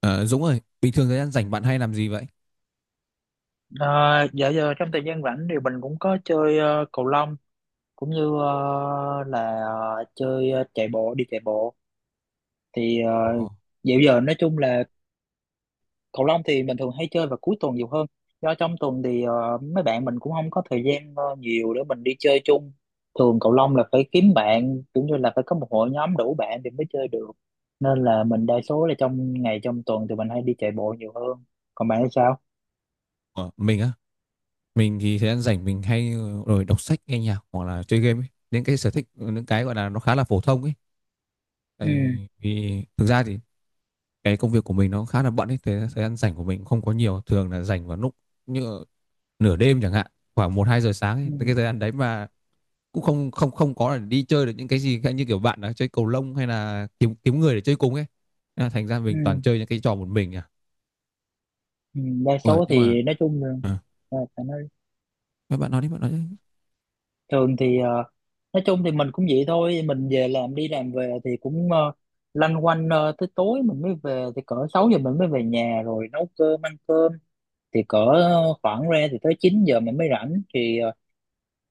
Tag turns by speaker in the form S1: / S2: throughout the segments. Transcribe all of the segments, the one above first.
S1: Ờ, Dũng ơi, bình thường thời gian rảnh bạn hay làm gì vậy?
S2: À, dạ giờ trong thời gian rảnh thì mình cũng có chơi cầu lông cũng như chơi chạy bộ đi chạy bộ thì
S1: Ồ,
S2: uh, dạo giờ nói chung là cầu lông thì mình thường hay chơi vào cuối tuần nhiều hơn, do trong tuần thì mấy bạn mình cũng không có thời gian nhiều để mình đi chơi chung. Thường cầu lông là phải kiếm bạn cũng như là phải có một hội nhóm đủ bạn thì mới chơi được, nên là mình đa số là trong ngày trong tuần thì mình hay đi chạy bộ nhiều hơn. Còn bạn thì sao?
S1: ờ, mình á, mình thì thời gian rảnh mình hay ờ, rồi đọc sách, nghe nhạc hoặc là chơi game ấy. Những cái sở thích, những cái gọi là nó khá là phổ thông ấy.
S2: Ừ.
S1: Tại vì thực ra thì cái công việc của mình nó khá là bận ấy, thế thời gian rảnh của mình không có nhiều, thường là rảnh vào lúc như nửa đêm chẳng hạn, khoảng một 2 giờ sáng
S2: Ừ.
S1: ấy. Cái thời gian đấy mà cũng không không không có là đi chơi được những cái gì khác như kiểu bạn đã chơi cầu lông hay là kiếm kiếm người để chơi cùng ấy. Nên là Thành ra
S2: Ừ.
S1: mình toàn chơi những cái trò một mình à.
S2: Ừ, đa
S1: Ủa,
S2: số
S1: nhưng mà
S2: thì nói chung là,
S1: ờ.
S2: à, phải nói
S1: Bạn bạn nói đi, bạn nói đi.
S2: thường thì nói chung thì mình cũng vậy thôi, mình về làm đi làm về thì cũng lanh quanh tới tối mình mới về thì cỡ 6 giờ mình mới về nhà rồi nấu cơm ăn cơm, thì cỡ khoảng ra thì tới 9 giờ mình mới rảnh thì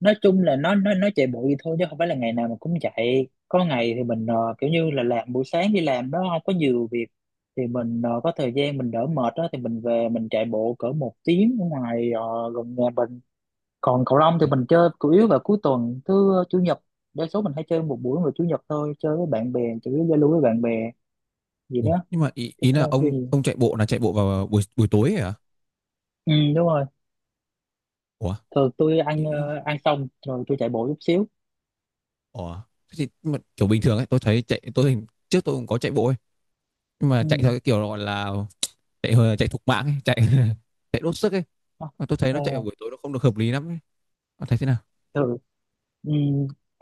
S2: nói chung là nó chạy bụi thôi chứ không phải là ngày nào mình cũng chạy, có ngày thì mình kiểu như là làm buổi sáng đi làm nó không có nhiều việc thì mình có thời gian mình đỡ mệt đó thì mình về mình chạy bộ cỡ 1 tiếng ở ngoài gần nhà mình. Còn cầu lông thì
S1: Ủa,
S2: mình chơi chủ yếu vào cuối tuần, thứ chủ nhật, đa số mình hay chơi một buổi vào chủ nhật thôi, chơi với bạn bè, chủ yếu giao lưu với bạn bè gì đó
S1: ủa, nhưng mà ý,
S2: chứ
S1: ý là
S2: cũng không có
S1: ông
S2: gì.
S1: ông chạy bộ là chạy bộ vào buổi buổi tối ấy à?
S2: Ừ, đúng rồi,
S1: Ủa?
S2: thường tôi ăn
S1: Ý-
S2: ăn xong rồi tôi chạy bộ chút xíu.
S1: ủa? Thế thì, nhưng mà kiểu bình thường ấy, tôi thấy trước tôi cũng có chạy bộ ấy, nhưng mà chạy theo
S2: Ừ.
S1: cái kiểu gọi là chạy thục mạng ấy, chạy chạy đốt sức ấy.
S2: Ờ,
S1: Mà tôi thấy nó
S2: ờ,
S1: chạy vào buổi tối nó không được hợp lý lắm ấy. Bạn thấy thế nào?
S2: thường. Ừ.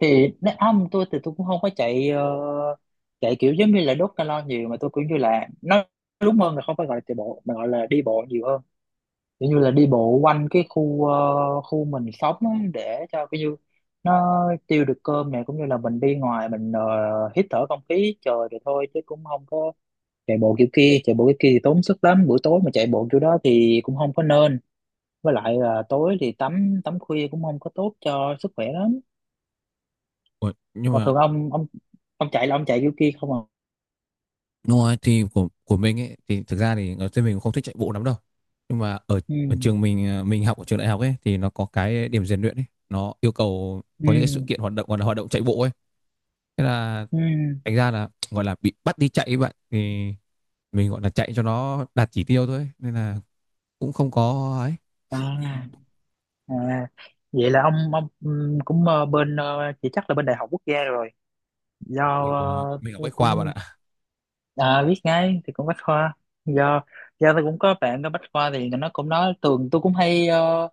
S2: Thì nếu không, tôi thì tôi cũng không có chạy chạy kiểu giống như là đốt calo nhiều, mà tôi cũng như là nó đúng hơn là không phải gọi là chạy bộ mà gọi là đi bộ nhiều hơn, kiểu như là đi bộ quanh cái khu khu mình sống á, để cho cái như nó tiêu được cơm này, cũng như là mình đi ngoài mình hít thở không khí trời thì thôi chứ cũng không có chạy bộ kiểu kia. Chạy bộ kiểu kia thì tốn sức lắm, buổi tối mà chạy bộ kiểu đó thì cũng không có nên, với lại là tối thì tắm tắm khuya cũng không có tốt cho sức khỏe lắm.
S1: Ủa, nhưng
S2: Còn
S1: mà
S2: thường ông chạy là ông chạy kiểu kia không?
S1: đúng
S2: À.
S1: rồi thì của mình ấy thì thực ra thì ở trên mình cũng không thích chạy bộ lắm đâu. Nhưng mà ở ở
S2: Ừ.
S1: trường mình, mình học ở trường đại học ấy thì nó có cái điểm rèn luyện ấy, nó yêu cầu có những cái sự
S2: Ừ.
S1: kiện hoạt động gọi là hoạt động chạy bộ ấy. Thế là
S2: Ừ.
S1: thành ra là gọi là bị bắt đi chạy ấy bạn, thì mình gọi là chạy cho nó đạt chỉ tiêu thôi nên là cũng không có ấy.
S2: À. À, vậy là ông cũng bên chỉ chắc là bên Đại học Quốc gia rồi, do
S1: mình mình ở
S2: tôi
S1: Bách Khoa bạn
S2: cũng,
S1: ạ.
S2: à, biết ngay thì cũng bách khoa, do do tôi cũng có bạn ở bách khoa thì nó cũng nói tường, tôi cũng hay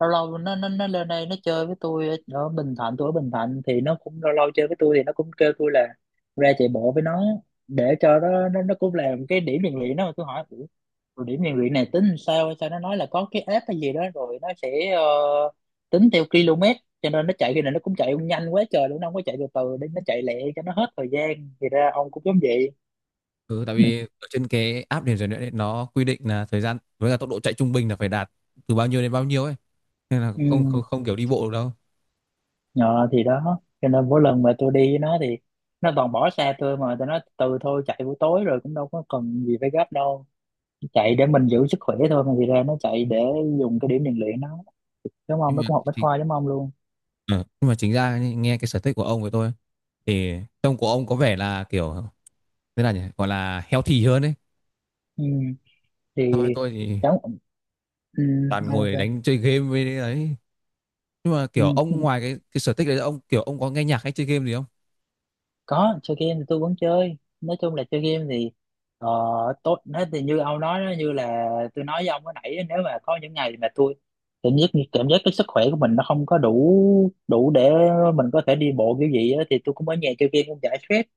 S2: lâu lâu nó lên đây nó chơi với tôi ở, Bình Thạnh, tôi ở Bình Thạnh thì nó cũng lâu lâu chơi với tôi thì nó cũng kêu tôi là ra chạy bộ với nó, để cho nó cũng làm cái điểm rèn luyện đó, mà tôi hỏi "Ủa, rồi điểm rèn luyện này tính sao?" Sao nó nói là có cái app hay gì đó rồi nó sẽ tính theo km, cho nên nó chạy khi này nó cũng chạy nhanh quá trời luôn, nó không có chạy từ từ, để nó chạy lẹ cho nó hết thời gian, thì ra ông cũng giống vậy.
S1: Ừ, tại vì ở trên cái app điểm rèn luyện ấy, nó quy định là thời gian với cả tốc độ chạy trung bình là phải đạt từ bao nhiêu đến bao nhiêu ấy, nên là không không
S2: Ừ.
S1: không kiểu đi bộ được đâu.
S2: Ờ, thì đó cho nên mỗi lần mà tôi đi với nó thì nó toàn bỏ xa tôi, mà tôi nói từ thôi chạy buổi tối rồi cũng đâu có cần gì phải gấp đâu, chạy để mình giữ sức khỏe thôi mà, thì ra nó chạy để dùng cái điểm rèn luyện nó, đúng không?
S1: Nhưng
S2: Nó
S1: mà
S2: cũng học bách
S1: chính
S2: khoa giống ông luôn.
S1: Ờ, nhưng mà chính ra nhé, nghe cái sở thích của ông với tôi thì trông của ông có vẻ là kiểu thế là nhỉ gọi là healthy hơn ấy.
S2: Ừ. Thì
S1: Thôi tôi thì
S2: cháu. Ừ.
S1: toàn ngồi
S2: Ok.
S1: đánh chơi game với đấy. Nhưng mà kiểu
S2: Ừ.
S1: ông ngoài cái sở thích đấy ông kiểu ông có nghe nhạc hay chơi game gì không?
S2: Có chơi game thì tôi vẫn chơi, nói chung là chơi game thì ờ, tốt hết, thì như ông nói đó, như là tôi nói với ông cái nãy á, nếu mà có những ngày mà tôi cảm giác cái sức khỏe của mình nó không có đủ đủ để mình có thể đi bộ kiểu gì á, thì tôi cũng ở nhà chơi game cũng giải stress,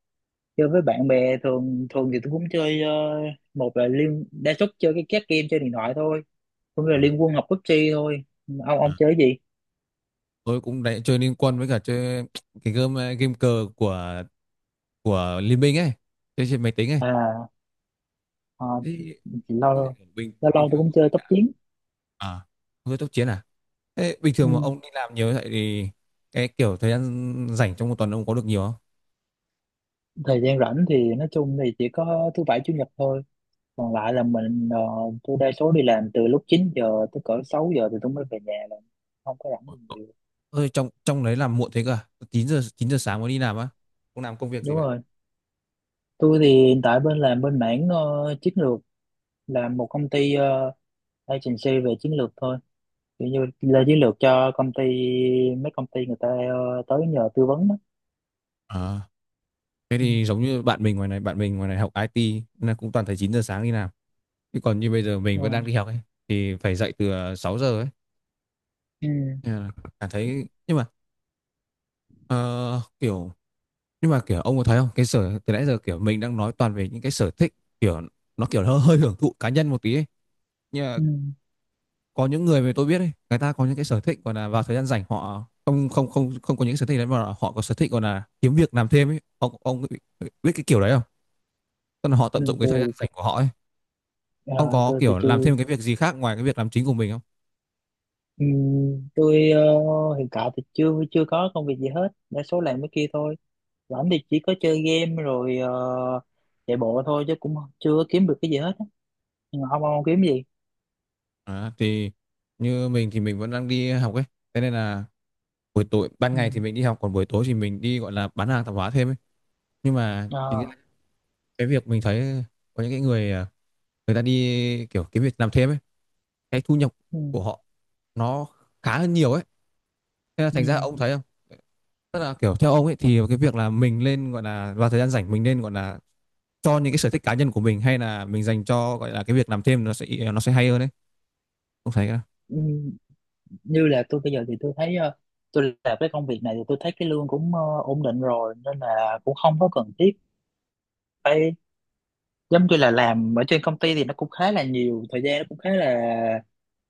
S2: chơi với bạn bè. Thường thường thì tôi cũng chơi một là liên đa số chơi cái các game chơi điện thoại thôi, cũng như là
S1: Ờ,
S2: liên quân học PUBG thôi. ông
S1: ờ.
S2: ông chơi cái gì?
S1: Tôi cũng đấy chơi Liên Quân với cả chơi cái game cờ của Liên Minh ấy, chơi trên máy tính ấy.
S2: À, ờ,
S1: Thế-
S2: lâu
S1: thế
S2: lâu
S1: thì bình
S2: lâu
S1: bình
S2: tôi
S1: thường
S2: cũng
S1: ông
S2: chơi
S1: đi
S2: tốc
S1: làm
S2: chiến.
S1: à với tốc chiến à? Thế bình
S2: Ừ.
S1: thường mà ông đi làm nhiều như vậy thì cái kiểu thời gian rảnh trong một tuần ông có được nhiều không?
S2: Thời gian rảnh thì nói chung thì chỉ có thứ bảy chủ nhật thôi, còn lại là mình tôi đa số đi làm từ lúc 9 giờ tới cỡ 6 giờ thì tôi mới về nhà là không có rảnh
S1: Ờ,
S2: gì nhiều.
S1: ôi, trong trong đấy làm muộn thế cơ à? 9 giờ 9 giờ sáng mới đi làm á? Ông làm công việc gì
S2: Đúng rồi, tôi thì hiện tại bên làm bên mảng chiến lược, làm một công ty agency về chiến lược thôi, kiểu như là chiến lược cho công ty, mấy công ty người ta tới nhờ tư vấn đó.
S1: vậy? Thế
S2: Ừ.
S1: thì giống như bạn mình ngoài này, bạn mình ngoài này học IT, nên là cũng toàn thấy 9 giờ sáng đi làm. Chứ còn như bây giờ mình
S2: Ờ.
S1: vẫn đang đi học ấy thì phải dậy từ 6 giờ ấy.
S2: Ừ.
S1: Nên là cảm thấy nhưng mà ờ, kiểu nhưng mà kiểu ông có thấy không? Cái sở từ nãy giờ kiểu mình đang nói toàn về những cái sở thích kiểu nó kiểu hơi hơi hưởng thụ cá nhân một tí ấy. Nhưng mà
S2: Ừ.
S1: có những người mà tôi biết ấy, người ta có những cái sở thích còn là vào thời gian rảnh họ không không không không có những sở thích đấy mà họ có sở thích còn là kiếm việc làm thêm ấy. Ông biết cái kiểu đấy không? Tức là họ tận
S2: Ừ.
S1: dụng cái thời gian
S2: Tôi
S1: rảnh của họ ấy. Ông
S2: ờ,
S1: có
S2: tôi thì
S1: kiểu
S2: chưa.
S1: làm thêm cái việc gì khác ngoài cái việc làm chính của mình không?
S2: Ừ, tôi hiện tại thì chưa chưa có công việc gì hết, đa số làm cái kia thôi, rảnh thì chỉ có chơi game rồi chạy bộ thôi chứ cũng chưa có kiếm được cái gì hết á. Nhưng mà không không kiếm gì.
S1: À, thì như mình thì mình vẫn đang đi học ấy. Thế nên là buổi tối ban
S2: Ừ.
S1: ngày thì mình đi học còn buổi tối thì mình đi gọi là bán hàng tạp hóa thêm ấy. Nhưng mà chính
S2: Ờ,
S1: là cái việc mình thấy có những cái người à, người ta đi kiểu cái việc làm thêm ấy, cái thu nhập
S2: Ừ.
S1: của họ nó khá hơn nhiều ấy. Thế là
S2: Ừ.
S1: thành ra ông thấy không? Tức là kiểu theo ông ấy thì cái việc là mình lên gọi là vào thời gian rảnh mình nên gọi là cho những cái sở thích cá nhân của mình hay là mình dành cho gọi là cái việc làm thêm nó sẽ hay hơn đấy, ông thấy?
S2: Ừ. Như là tôi bây giờ thì tôi thấy tôi làm cái công việc này thì tôi thấy cái lương cũng ổn định rồi nên là cũng không có cần thiết phải, giống như là làm ở trên công ty thì nó cũng khá là nhiều thời gian, nó cũng khá là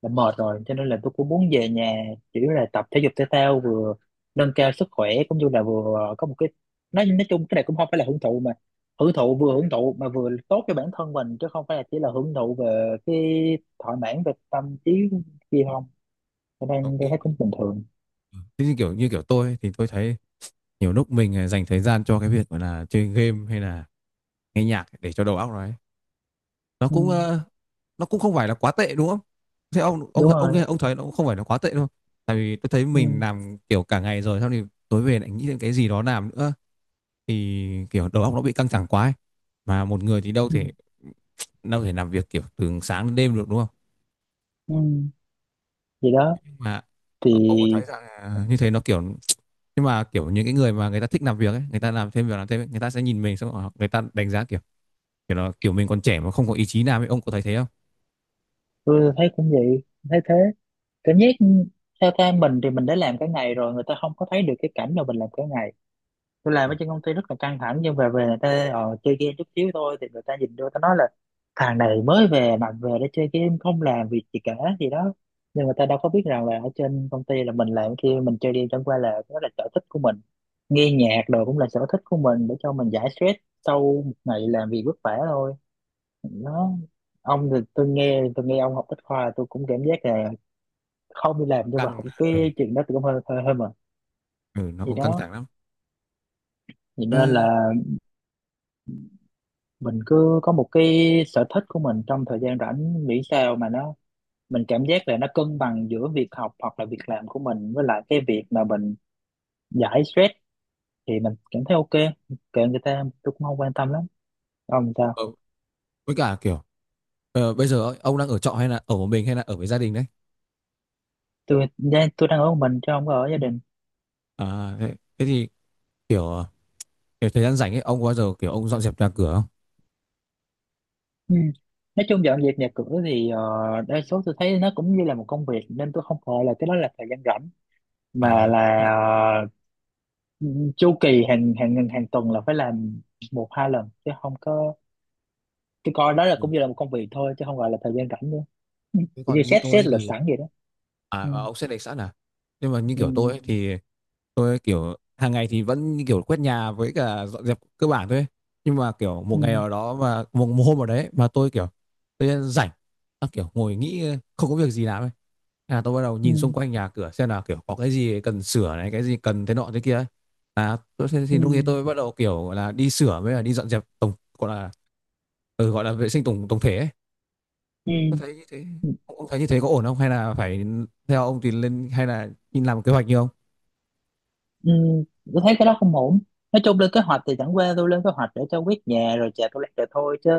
S2: đã mệt rồi cho nên là tôi cũng muốn về nhà chỉ là tập thể dục thể thao vừa nâng cao sức khỏe cũng như là vừa có một cái, nói chung cái này cũng không phải là hưởng thụ mà hưởng thụ, vừa hưởng thụ mà vừa tốt cho bản thân mình chứ không phải là chỉ là hưởng thụ về cái thỏa mãn về tâm trí gì không, cho
S1: Ờ,
S2: nên tôi
S1: ý-
S2: thấy cũng bình thường.
S1: Thế như kiểu tôi ấy, thì tôi thấy nhiều lúc mình dành thời gian cho cái việc gọi là chơi game hay là nghe nhạc để cho đầu óc nó ấy. Nó
S2: Ừ,
S1: nó cũng không phải là quá tệ đúng không? Thế ông ông
S2: đúng
S1: ông
S2: rồi.
S1: ông thấy nó cũng không phải là quá tệ đâu. Tại vì tôi thấy mình
S2: Ừ,
S1: làm kiểu cả ngày rồi xong thì tối về lại nghĩ đến cái gì đó làm nữa thì kiểu đầu óc nó bị căng thẳng quá ấy. Mà một người thì đâu
S2: ừ,
S1: thể đâu thể làm việc kiểu từ sáng đến đêm được đúng không?
S2: ừ. Vậy đó
S1: Mà
S2: thì
S1: ông có thấy rằng như thế nó kiểu nhưng mà kiểu những cái người mà người ta thích làm việc ấy người ta làm thêm làm thêm ấy, người ta sẽ nhìn mình xong rồi người ta đánh giá kiểu kiểu là kiểu mình còn trẻ mà không có ý chí làm ấy, ông có thấy thế không?
S2: tôi thấy cũng vậy, thấy thế, cảm giác theo ta mình thì mình đã làm cả ngày rồi người ta không có thấy được cái cảnh mà mình làm cả ngày, tôi làm
S1: Ờ,
S2: ở trên công ty rất là căng thẳng, nhưng về về người ta chơi game chút xíu thôi thì người ta nhìn vô ta nói là thằng này mới về mà về để chơi game không làm việc gì cả gì đó, nhưng người ta đâu có biết rằng là ở trên công ty là mình làm kia, mình chơi game chẳng qua là đó là sở thích của mình, nghe nhạc đồ cũng là sở thích của mình để cho mình giải stress sau một ngày làm việc vất vả thôi. Nó, ông thì tôi nghe ông học bách khoa tôi cũng cảm giác là không đi làm
S1: nó
S2: nhưng mà
S1: căng,
S2: học
S1: ừ,
S2: cái chuyện đó thì cũng hơi hơi hơi mà.
S1: ừ, nó
S2: Thì
S1: cũng căng
S2: đó,
S1: thẳng lắm.
S2: thì
S1: Ê,
S2: nên là mình cứ có một cái sở thích của mình trong thời gian rảnh, miễn sao mà nó mình cảm giác là nó cân bằng giữa việc học hoặc là việc làm của mình với lại cái việc mà mình giải stress thì mình cảm thấy ok, kệ người ta, tôi cũng không quan tâm lắm. Ông sao?
S1: ờ, với cả kiểu, bây giờ ấy, ông đang ở trọ hay là ở một mình hay là ở với gia đình đấy?
S2: Tôi đang ở một mình chứ không có ở gia đình.
S1: À, thế, thế thì kiểu kiểu thời gian rảnh ấy ông có bao giờ kiểu ông dọn dẹp nhà cửa không?
S2: Ừ. Nói chung dọn dẹp nhà cửa thì đa số tôi thấy nó cũng như là một công việc nên tôi không gọi là cái đó là thời gian rảnh mà
S1: À
S2: là
S1: tức là-
S2: ờ, chu kỳ hàng hàng hàng tuần là phải làm một hai lần chứ không có, tôi coi đó là cũng
S1: ừ.
S2: như là một công việc thôi chứ không gọi là thời gian rảnh nữa. Ừ.
S1: Thế
S2: Giống như
S1: còn như
S2: xét xét
S1: tôi
S2: lịch
S1: thì
S2: sẵn vậy đó.
S1: à,
S2: Ừ.
S1: à, ông sẽ để sẵn à? Nhưng mà như
S2: Ừ.
S1: kiểu tôi ấy, thì tôi kiểu hàng ngày thì vẫn như kiểu quét nhà với cả dọn dẹp cơ bản thôi ấy. Nhưng mà kiểu một ngày
S2: Ừ.
S1: nào đó mà một hôm nào đấy mà tôi kiểu tôi rảnh, à, kiểu ngồi nghĩ không có việc gì làm ấy. Thế là tôi bắt đầu nhìn xung
S2: Ừ.
S1: quanh nhà cửa xem là kiểu có cái gì cần sửa này cái gì cần thế nọ thế kia ấy. À tôi,
S2: Ừ.
S1: thì lúc ấy
S2: Ừ.
S1: tôi bắt đầu kiểu là đi sửa với là đi dọn dẹp tổng gọi là ừ, gọi là vệ sinh tổng tổng thể ấy.
S2: Ừ,
S1: Tôi thấy như thế
S2: ừ,
S1: ông thấy như thế có ổn không hay là phải theo ông thì lên hay là nhìn làm kế hoạch như ông?
S2: ừ, tôi thấy cái đó không ổn, nói chung lên kế hoạch thì chẳng qua tôi lên kế hoạch để cho quét nhà rồi chà tôi rồi thôi, chứ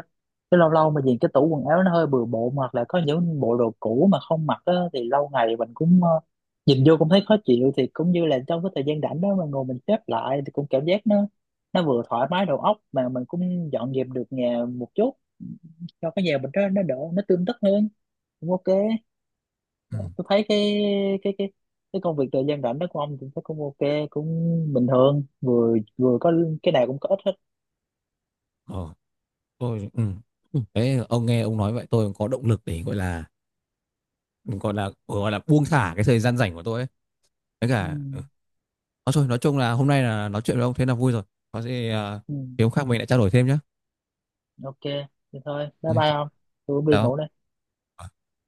S2: chứ lâu lâu mà nhìn cái tủ quần áo nó hơi bừa bộn hoặc là có những bộ đồ cũ mà không mặc á, thì lâu ngày mình cũng nhìn vô cũng thấy khó chịu, thì cũng như là trong cái thời gian rảnh đó mà ngồi mình xếp lại thì cũng cảm giác nó vừa thoải mái đầu óc mà mình cũng dọn dẹp được nhà một chút, cho cái nhà mình đó nó đỡ, nó tươm tất hơn, cũng ok.
S1: Ừ.
S2: Tôi thấy cái cái cái công việc thời gian rảnh đó của ông cũng thấy cũng ok cũng bình thường, vừa vừa có cái nào cũng có ít hết.
S1: Ờ tôi ừ. Ừ. Đấy, ông nghe ông nói vậy tôi cũng có động lực để gọi là buông thả cái thời gian rảnh của tôi ấy với
S2: Ừ.
S1: cả ừ. Nói chung là hôm nay là nói chuyện với ông thế là vui rồi, có gì
S2: Ừ.
S1: thì hôm khác mình lại trao đổi thêm nhé.
S2: Ok thì thôi, bye
S1: Đấy,
S2: bye ông, tôi cũng đi
S1: chào
S2: ngủ đây.
S1: ông.